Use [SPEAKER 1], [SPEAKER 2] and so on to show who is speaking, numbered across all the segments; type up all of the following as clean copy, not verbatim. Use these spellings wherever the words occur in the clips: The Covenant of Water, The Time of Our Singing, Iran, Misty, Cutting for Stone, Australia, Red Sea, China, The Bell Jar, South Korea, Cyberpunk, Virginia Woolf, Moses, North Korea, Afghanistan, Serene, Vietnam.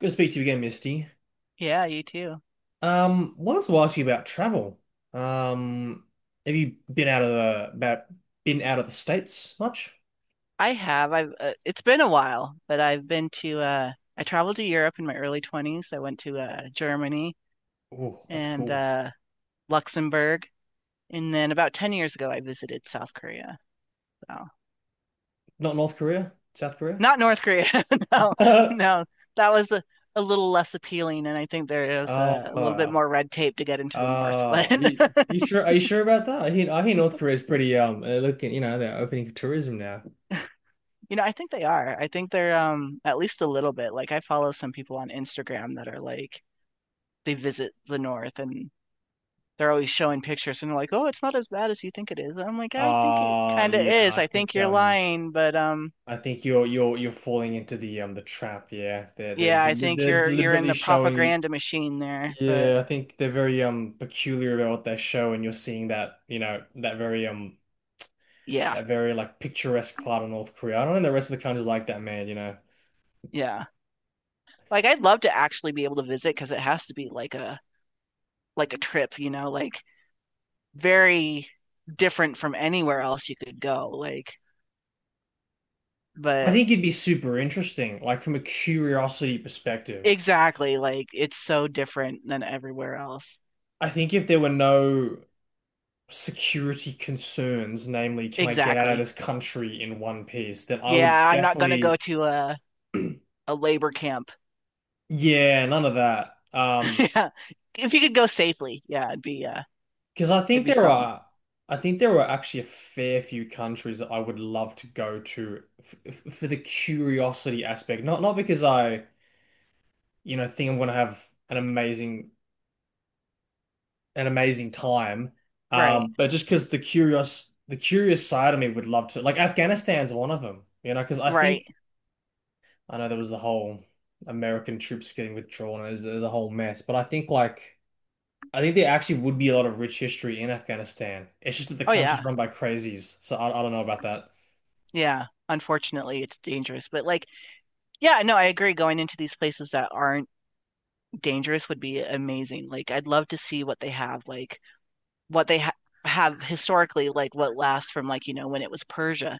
[SPEAKER 1] Good to speak to you again, Misty.
[SPEAKER 2] Yeah, you too.
[SPEAKER 1] Wanted to ask you about travel. Um, have you been out of the about Been out of the States much?
[SPEAKER 2] I have. I've. It's been a while, but I've been to. I traveled to Europe in my early 20s. I went to Germany
[SPEAKER 1] Oh, that's
[SPEAKER 2] and
[SPEAKER 1] cool.
[SPEAKER 2] Luxembourg, and then about 10 years ago, I visited South Korea. So
[SPEAKER 1] Not North Korea, South Korea.
[SPEAKER 2] not North Korea. No, no, that was a little less appealing, and I think there is
[SPEAKER 1] Oh,
[SPEAKER 2] a little bit more red tape to get
[SPEAKER 1] oh,
[SPEAKER 2] into the North. But
[SPEAKER 1] are you, are you sure? Are you sure about that? I hear North Korea's pretty looking. You know, they're opening for tourism now.
[SPEAKER 2] you know, I think they are. I think they're at least a little bit. Like I follow some people on Instagram that are They visit the north and they're always showing pictures and they're like, "Oh, it's not as bad as you think it is." I'm like, "I think it
[SPEAKER 1] Uh
[SPEAKER 2] kind of
[SPEAKER 1] yeah,
[SPEAKER 2] is. I think you're lying, but
[SPEAKER 1] I think you're you're falling into the trap. Yeah, they're
[SPEAKER 2] yeah,
[SPEAKER 1] del
[SPEAKER 2] I think
[SPEAKER 1] they're
[SPEAKER 2] you're in
[SPEAKER 1] deliberately
[SPEAKER 2] the
[SPEAKER 1] showing you.
[SPEAKER 2] propaganda machine there, but
[SPEAKER 1] Yeah, I think they're very peculiar about what they show, and you're seeing that, you know, that very
[SPEAKER 2] yeah.
[SPEAKER 1] that very like picturesque part of North Korea. I don't know the rest of the country's like that, man, you know.
[SPEAKER 2] Yeah. Like I'd love to actually be able to visit because it has to be like a trip, you know, like very different from anywhere else you could go. Like,
[SPEAKER 1] I
[SPEAKER 2] but
[SPEAKER 1] think it'd be super interesting, like from a curiosity perspective.
[SPEAKER 2] exactly, like it's so different than everywhere else.
[SPEAKER 1] I think if there were no security concerns, namely, can I get out of
[SPEAKER 2] Exactly.
[SPEAKER 1] this country in one piece, then I
[SPEAKER 2] Yeah,
[SPEAKER 1] would
[SPEAKER 2] I'm not gonna go
[SPEAKER 1] definitely,
[SPEAKER 2] to a labor camp.
[SPEAKER 1] yeah, none of that. Um,
[SPEAKER 2] Yeah. If you could go safely, yeah,
[SPEAKER 1] Because I
[SPEAKER 2] it'd
[SPEAKER 1] think
[SPEAKER 2] be
[SPEAKER 1] there
[SPEAKER 2] something.
[SPEAKER 1] are, I think there are actually a fair few countries that I would love to go to for the curiosity aspect. Not because I, you know, think I'm going to have an amazing an amazing time,
[SPEAKER 2] Right.
[SPEAKER 1] but just because the curious side of me would love to. Like Afghanistan's one of them, you know, because I think
[SPEAKER 2] Right.
[SPEAKER 1] I know there was the whole American troops getting withdrawn. It was a whole mess, but I think like. I think there actually would be a lot of rich history in Afghanistan. It's just that the
[SPEAKER 2] Oh
[SPEAKER 1] country's
[SPEAKER 2] yeah.
[SPEAKER 1] run by crazies, so I don't know about that.
[SPEAKER 2] Yeah. Unfortunately, it's dangerous, but like yeah, no, I agree going into these places that aren't dangerous would be amazing. Like I'd love to see what they have, like what they ha have historically, like what lasts from like, you know, when it was Persia.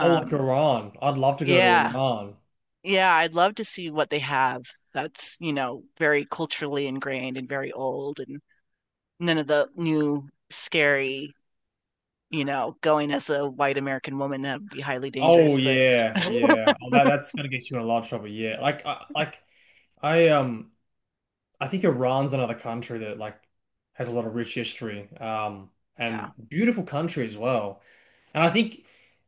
[SPEAKER 1] Oh, like Iran. I'd love to go to
[SPEAKER 2] yeah.
[SPEAKER 1] Iran.
[SPEAKER 2] Yeah, I'd love to see what they have that's, you know, very culturally ingrained and very old and none of the new scary, you know, going as a white American woman, that would be highly
[SPEAKER 1] Oh
[SPEAKER 2] dangerous. But
[SPEAKER 1] yeah, yeah. Oh, that that's gonna get you in a lot of trouble. Yeah, like I um I think Iran's another country that like has a lot of rich history,
[SPEAKER 2] yeah,
[SPEAKER 1] and beautiful country as well. And I think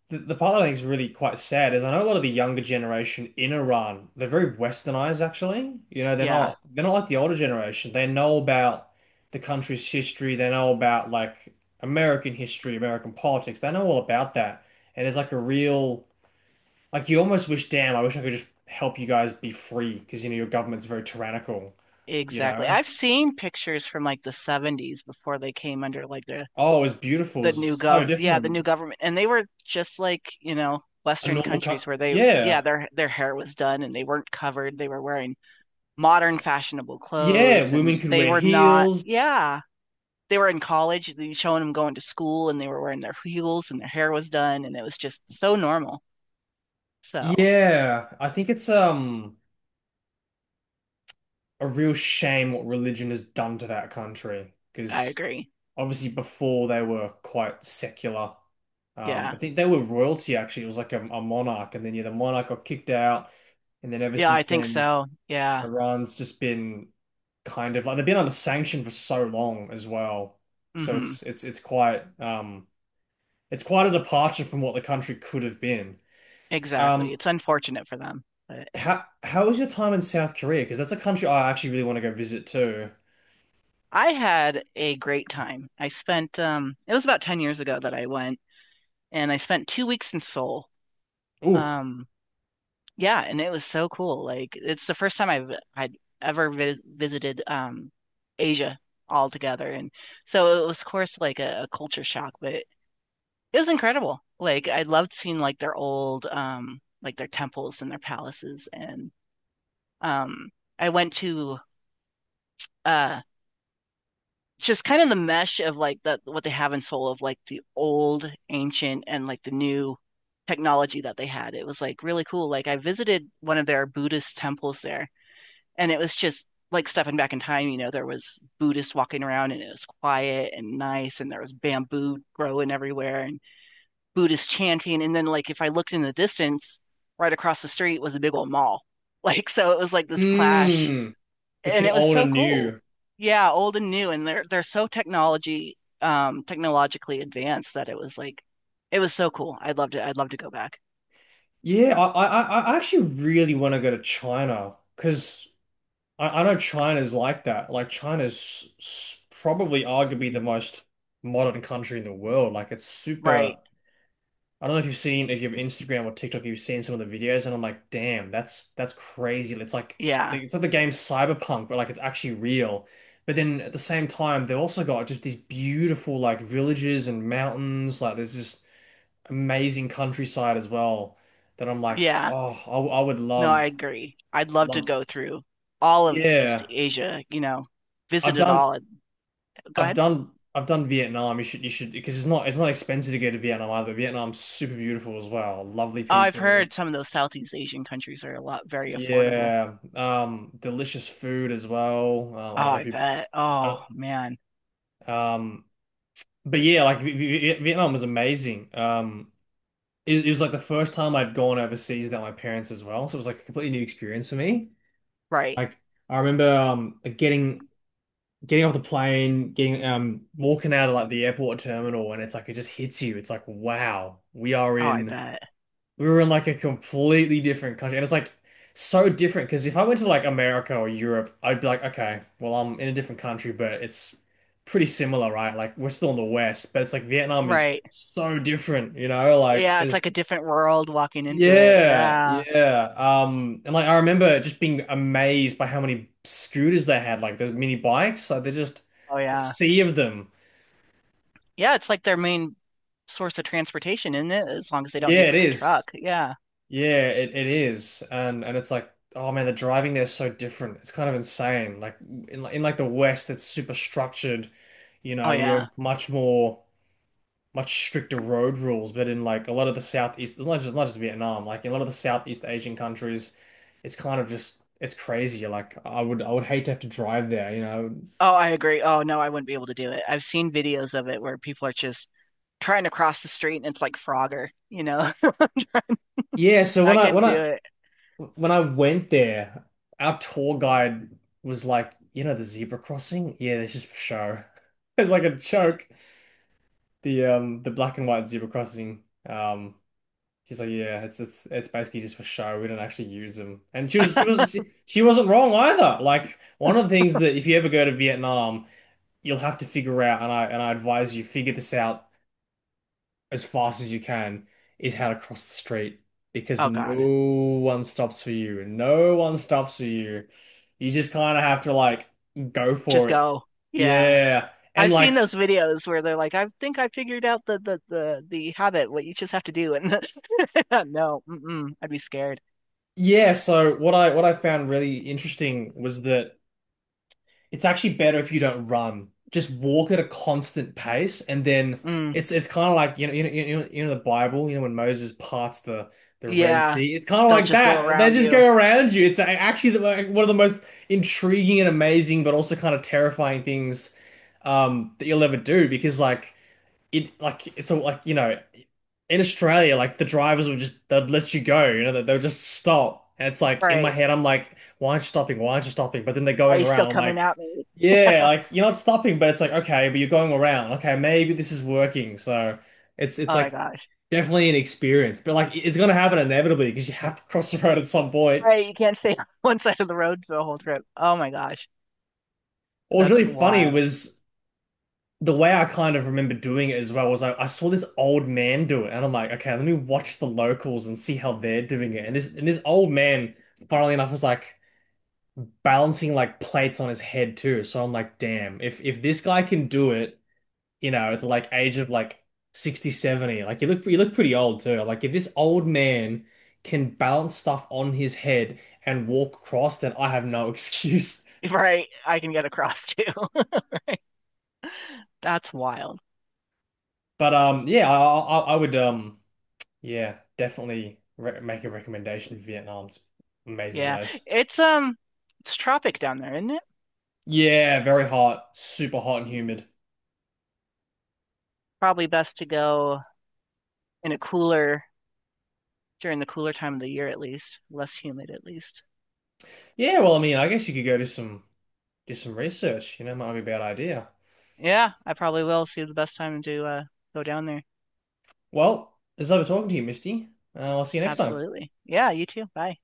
[SPEAKER 1] the part that I think is really quite sad is I know a lot of the younger generation in Iran, they're very westernized actually. You know, they're
[SPEAKER 2] yeah,
[SPEAKER 1] not they're not like the older generation. They know about the country's history, they know about like American history, American politics, they know all about that. And it's like a real like you almost wish, damn, I wish I could just help you guys be free because you know your government's very tyrannical, you
[SPEAKER 2] exactly.
[SPEAKER 1] know?
[SPEAKER 2] I've seen pictures from like the 70s before they came under like
[SPEAKER 1] Oh, it was beautiful, it
[SPEAKER 2] the
[SPEAKER 1] was
[SPEAKER 2] new gov
[SPEAKER 1] so
[SPEAKER 2] yeah, the new
[SPEAKER 1] different.
[SPEAKER 2] government, and they were just like, you know,
[SPEAKER 1] A
[SPEAKER 2] western
[SPEAKER 1] normal cut.
[SPEAKER 2] countries where they, yeah,
[SPEAKER 1] Yeah.
[SPEAKER 2] their hair was done and they weren't covered, they were wearing modern fashionable
[SPEAKER 1] Yeah,
[SPEAKER 2] clothes,
[SPEAKER 1] women
[SPEAKER 2] and
[SPEAKER 1] could
[SPEAKER 2] they
[SPEAKER 1] wear
[SPEAKER 2] were not,
[SPEAKER 1] heels.
[SPEAKER 2] yeah, they were in college, you showing them going to school, and they were wearing their heels and their hair was done and it was just so normal, so
[SPEAKER 1] Yeah, I think it's a real shame what religion has done to that country
[SPEAKER 2] I
[SPEAKER 1] because
[SPEAKER 2] agree.
[SPEAKER 1] obviously before they were quite secular. I
[SPEAKER 2] Yeah.
[SPEAKER 1] think they were royalty actually. It was like a monarch, and then yeah, the monarch got kicked out, and then ever
[SPEAKER 2] Yeah, I
[SPEAKER 1] since
[SPEAKER 2] think
[SPEAKER 1] then,
[SPEAKER 2] so. Yeah.
[SPEAKER 1] Iran's just been kind of like they've been under sanction for so long as well. So
[SPEAKER 2] Hmm.
[SPEAKER 1] it's quite it's quite a departure from what the country could have been.
[SPEAKER 2] Exactly.
[SPEAKER 1] Um,
[SPEAKER 2] It's unfortunate for them, but
[SPEAKER 1] how was your time in South Korea? Because that's a country I actually really want to go visit too.
[SPEAKER 2] I had a great time. I spent it was about 10 years ago that I went and I spent 2 weeks in Seoul.
[SPEAKER 1] Ooh,
[SPEAKER 2] Um yeah, and it was so cool. Like it's the first time I'd ever visited Asia altogether, and so it was of course like a culture shock, but it was incredible. Like I loved seeing like their old like their temples and their palaces and um I went to uh just kind of the mesh of like the what they have in Seoul of like the old ancient and like the new technology that they had. It was like really cool. Like I visited one of their Buddhist temples there and it was just like stepping back in time, you know, there was Buddhists walking around and it was quiet and nice and there was bamboo growing everywhere and Buddhist chanting. And then like if I looked in the distance, right across the street was a big old mall. Like so it was like this clash
[SPEAKER 1] mm,
[SPEAKER 2] and
[SPEAKER 1] between
[SPEAKER 2] it was
[SPEAKER 1] old
[SPEAKER 2] so
[SPEAKER 1] and
[SPEAKER 2] cool.
[SPEAKER 1] new.
[SPEAKER 2] Yeah, old and new, and they're so technology technologically advanced that it was like it was so cool. I'd love to go back.
[SPEAKER 1] Yeah, I actually really want to go to China because I know China's like that. Like China's probably arguably the most modern country in the world. Like it's super.
[SPEAKER 2] Right.
[SPEAKER 1] I don't know if you've seen if you have Instagram or TikTok, you've seen some of the videos, and I'm like, damn, that's crazy. It's like
[SPEAKER 2] Yeah.
[SPEAKER 1] it's like the game Cyberpunk, but like it's actually real. But then at the same time, they've also got just these beautiful like villages and mountains. Like there's just amazing countryside as well that I'm like,
[SPEAKER 2] Yeah.
[SPEAKER 1] oh, I would
[SPEAKER 2] No, I
[SPEAKER 1] love
[SPEAKER 2] agree. I'd love to
[SPEAKER 1] loved.
[SPEAKER 2] go through all of East
[SPEAKER 1] Yeah,
[SPEAKER 2] Asia, you know,
[SPEAKER 1] I've
[SPEAKER 2] visit it
[SPEAKER 1] done
[SPEAKER 2] all. Go ahead.
[SPEAKER 1] I've done Vietnam. You should because it's not expensive to go to Vietnam either. Vietnam's super beautiful as well. Lovely
[SPEAKER 2] Oh, I've
[SPEAKER 1] people.
[SPEAKER 2] heard some of those Southeast Asian countries are a lot very affordable.
[SPEAKER 1] Yeah, delicious food as well.
[SPEAKER 2] Oh,
[SPEAKER 1] I don't know
[SPEAKER 2] I
[SPEAKER 1] if you,
[SPEAKER 2] bet.
[SPEAKER 1] I
[SPEAKER 2] Oh,
[SPEAKER 1] don't-
[SPEAKER 2] man.
[SPEAKER 1] um, but Yeah, like Vietnam was amazing. It was like the first time I'd gone overseas without my parents as well, so it was like a completely new experience for me.
[SPEAKER 2] Right.
[SPEAKER 1] Like I remember, getting getting off the plane, getting walking out of like the airport terminal, and it's like it just hits you. It's like, wow, we are
[SPEAKER 2] Oh, I
[SPEAKER 1] in.
[SPEAKER 2] bet.
[SPEAKER 1] We were in like a completely different country. And it's like so different because if I went to like America or Europe, I'd be like, okay, well, I'm in a different country, but it's pretty similar, right? Like we're still in the West, but it's like Vietnam is
[SPEAKER 2] Right.
[SPEAKER 1] so different, you know? Like
[SPEAKER 2] Yeah, it's
[SPEAKER 1] is
[SPEAKER 2] like a different world walking into it.
[SPEAKER 1] yeah,
[SPEAKER 2] Yeah.
[SPEAKER 1] yeah. And like I remember just being amazed by how many scooters they had, like those mini bikes. Like they're just
[SPEAKER 2] Oh,
[SPEAKER 1] it's a
[SPEAKER 2] yeah.
[SPEAKER 1] sea of them.
[SPEAKER 2] Yeah, it's like their main source of transportation, isn't it? As long as they don't
[SPEAKER 1] Yeah,
[SPEAKER 2] need
[SPEAKER 1] it
[SPEAKER 2] like a
[SPEAKER 1] is.
[SPEAKER 2] truck. Yeah.
[SPEAKER 1] Yeah, it is. And it's like, oh man, the driving there is so different. It's kind of insane. Like in like the West, it's super structured. You
[SPEAKER 2] Oh,
[SPEAKER 1] know, we
[SPEAKER 2] yeah.
[SPEAKER 1] have much stricter road rules, but in like a lot of the Southeast, not just Vietnam, like in a lot of the Southeast Asian countries, it's kind of just it's crazy. Like I would hate to have to drive there, you know.
[SPEAKER 2] Oh, I agree. Oh, no, I wouldn't be able to do it. I've seen videos of it where people are just trying to cross the street and it's like Frogger, you know?
[SPEAKER 1] Yeah, so
[SPEAKER 2] I
[SPEAKER 1] when I when
[SPEAKER 2] couldn't
[SPEAKER 1] I
[SPEAKER 2] do
[SPEAKER 1] When I went there, our tour guide was like, you know, the zebra crossing? Yeah, this is for show. It's like a joke. The black and white zebra crossing. She's like, yeah, it's basically just for show. We don't actually use them. And
[SPEAKER 2] it.
[SPEAKER 1] she wasn't wrong either. Like one of the things that if you ever go to Vietnam, you'll have to figure out and I advise you figure this out as fast as you can is how to cross the street because
[SPEAKER 2] Oh,
[SPEAKER 1] no
[SPEAKER 2] God.
[SPEAKER 1] one stops for you and no one stops for you. You just kind of have to like go for
[SPEAKER 2] Just
[SPEAKER 1] it.
[SPEAKER 2] go. Yeah.
[SPEAKER 1] Yeah. And
[SPEAKER 2] I've seen
[SPEAKER 1] like
[SPEAKER 2] those videos where they're like, I think I figured out the habit, what you just have to do. And the- no, mm-mm, I'd be scared.
[SPEAKER 1] yeah, so what I found really interesting was that it's actually better if you don't run. Just walk at a constant pace, and then
[SPEAKER 2] Mm,
[SPEAKER 1] it's kind of like you know you know you know, you know the Bible. You know when Moses parts the Red
[SPEAKER 2] yeah.
[SPEAKER 1] Sea. It's kind of
[SPEAKER 2] They'll
[SPEAKER 1] like
[SPEAKER 2] just go
[SPEAKER 1] that. They
[SPEAKER 2] around
[SPEAKER 1] just
[SPEAKER 2] you.
[SPEAKER 1] go around you. It's actually the, like, one of the most intriguing and amazing, but also kind of terrifying things that you'll ever do because like it like it's all like you know in Australia like the drivers would just they'd let you go, you know, they'll just stop, and it's like in my
[SPEAKER 2] Right.
[SPEAKER 1] head I'm like why aren't you stopping, why aren't you stopping, but then they're
[SPEAKER 2] Are
[SPEAKER 1] going
[SPEAKER 2] you still
[SPEAKER 1] around, I'm
[SPEAKER 2] coming
[SPEAKER 1] like,
[SPEAKER 2] at me?
[SPEAKER 1] yeah, like you're not stopping, but it's like okay, but you're going around, okay, maybe this is working. So it's
[SPEAKER 2] Oh my
[SPEAKER 1] like
[SPEAKER 2] gosh.
[SPEAKER 1] definitely an experience, but like it's gonna happen inevitably because you have to cross the road at some point.
[SPEAKER 2] Right, you can't stay on one side of the road for the whole trip. Oh my gosh,
[SPEAKER 1] What was really
[SPEAKER 2] that's
[SPEAKER 1] funny
[SPEAKER 2] wild.
[SPEAKER 1] was the way I kind of remember doing it as well was I saw this old man do it, and I'm like, okay, let me watch the locals and see how they're doing it. And this old man, funnily enough, was like balancing like plates on his head too. So I'm like, damn, if this guy can do it, you know, at the like age of like 60, 70, like you look pretty old too. Like if this old man can balance stuff on his head and walk across, then I have no excuse.
[SPEAKER 2] Right, I can get across too. That's wild.
[SPEAKER 1] But yeah, I would yeah, definitely re make a recommendation for Vietnam. It's an amazing
[SPEAKER 2] Yeah.
[SPEAKER 1] place.
[SPEAKER 2] It's um it's tropic down there, isn't it?
[SPEAKER 1] Yeah, very hot, super hot and humid.
[SPEAKER 2] Probably best to go in a cooler during the cooler time of the year at least, less humid at least.
[SPEAKER 1] Yeah, well, I mean, I guess you could go do some research. You know, might be a bad idea.
[SPEAKER 2] Yeah, I probably will see the best time to go down there.
[SPEAKER 1] Well, it's lovely talking to you, Misty. I'll see you next time.
[SPEAKER 2] Absolutely. Yeah, you too. Bye.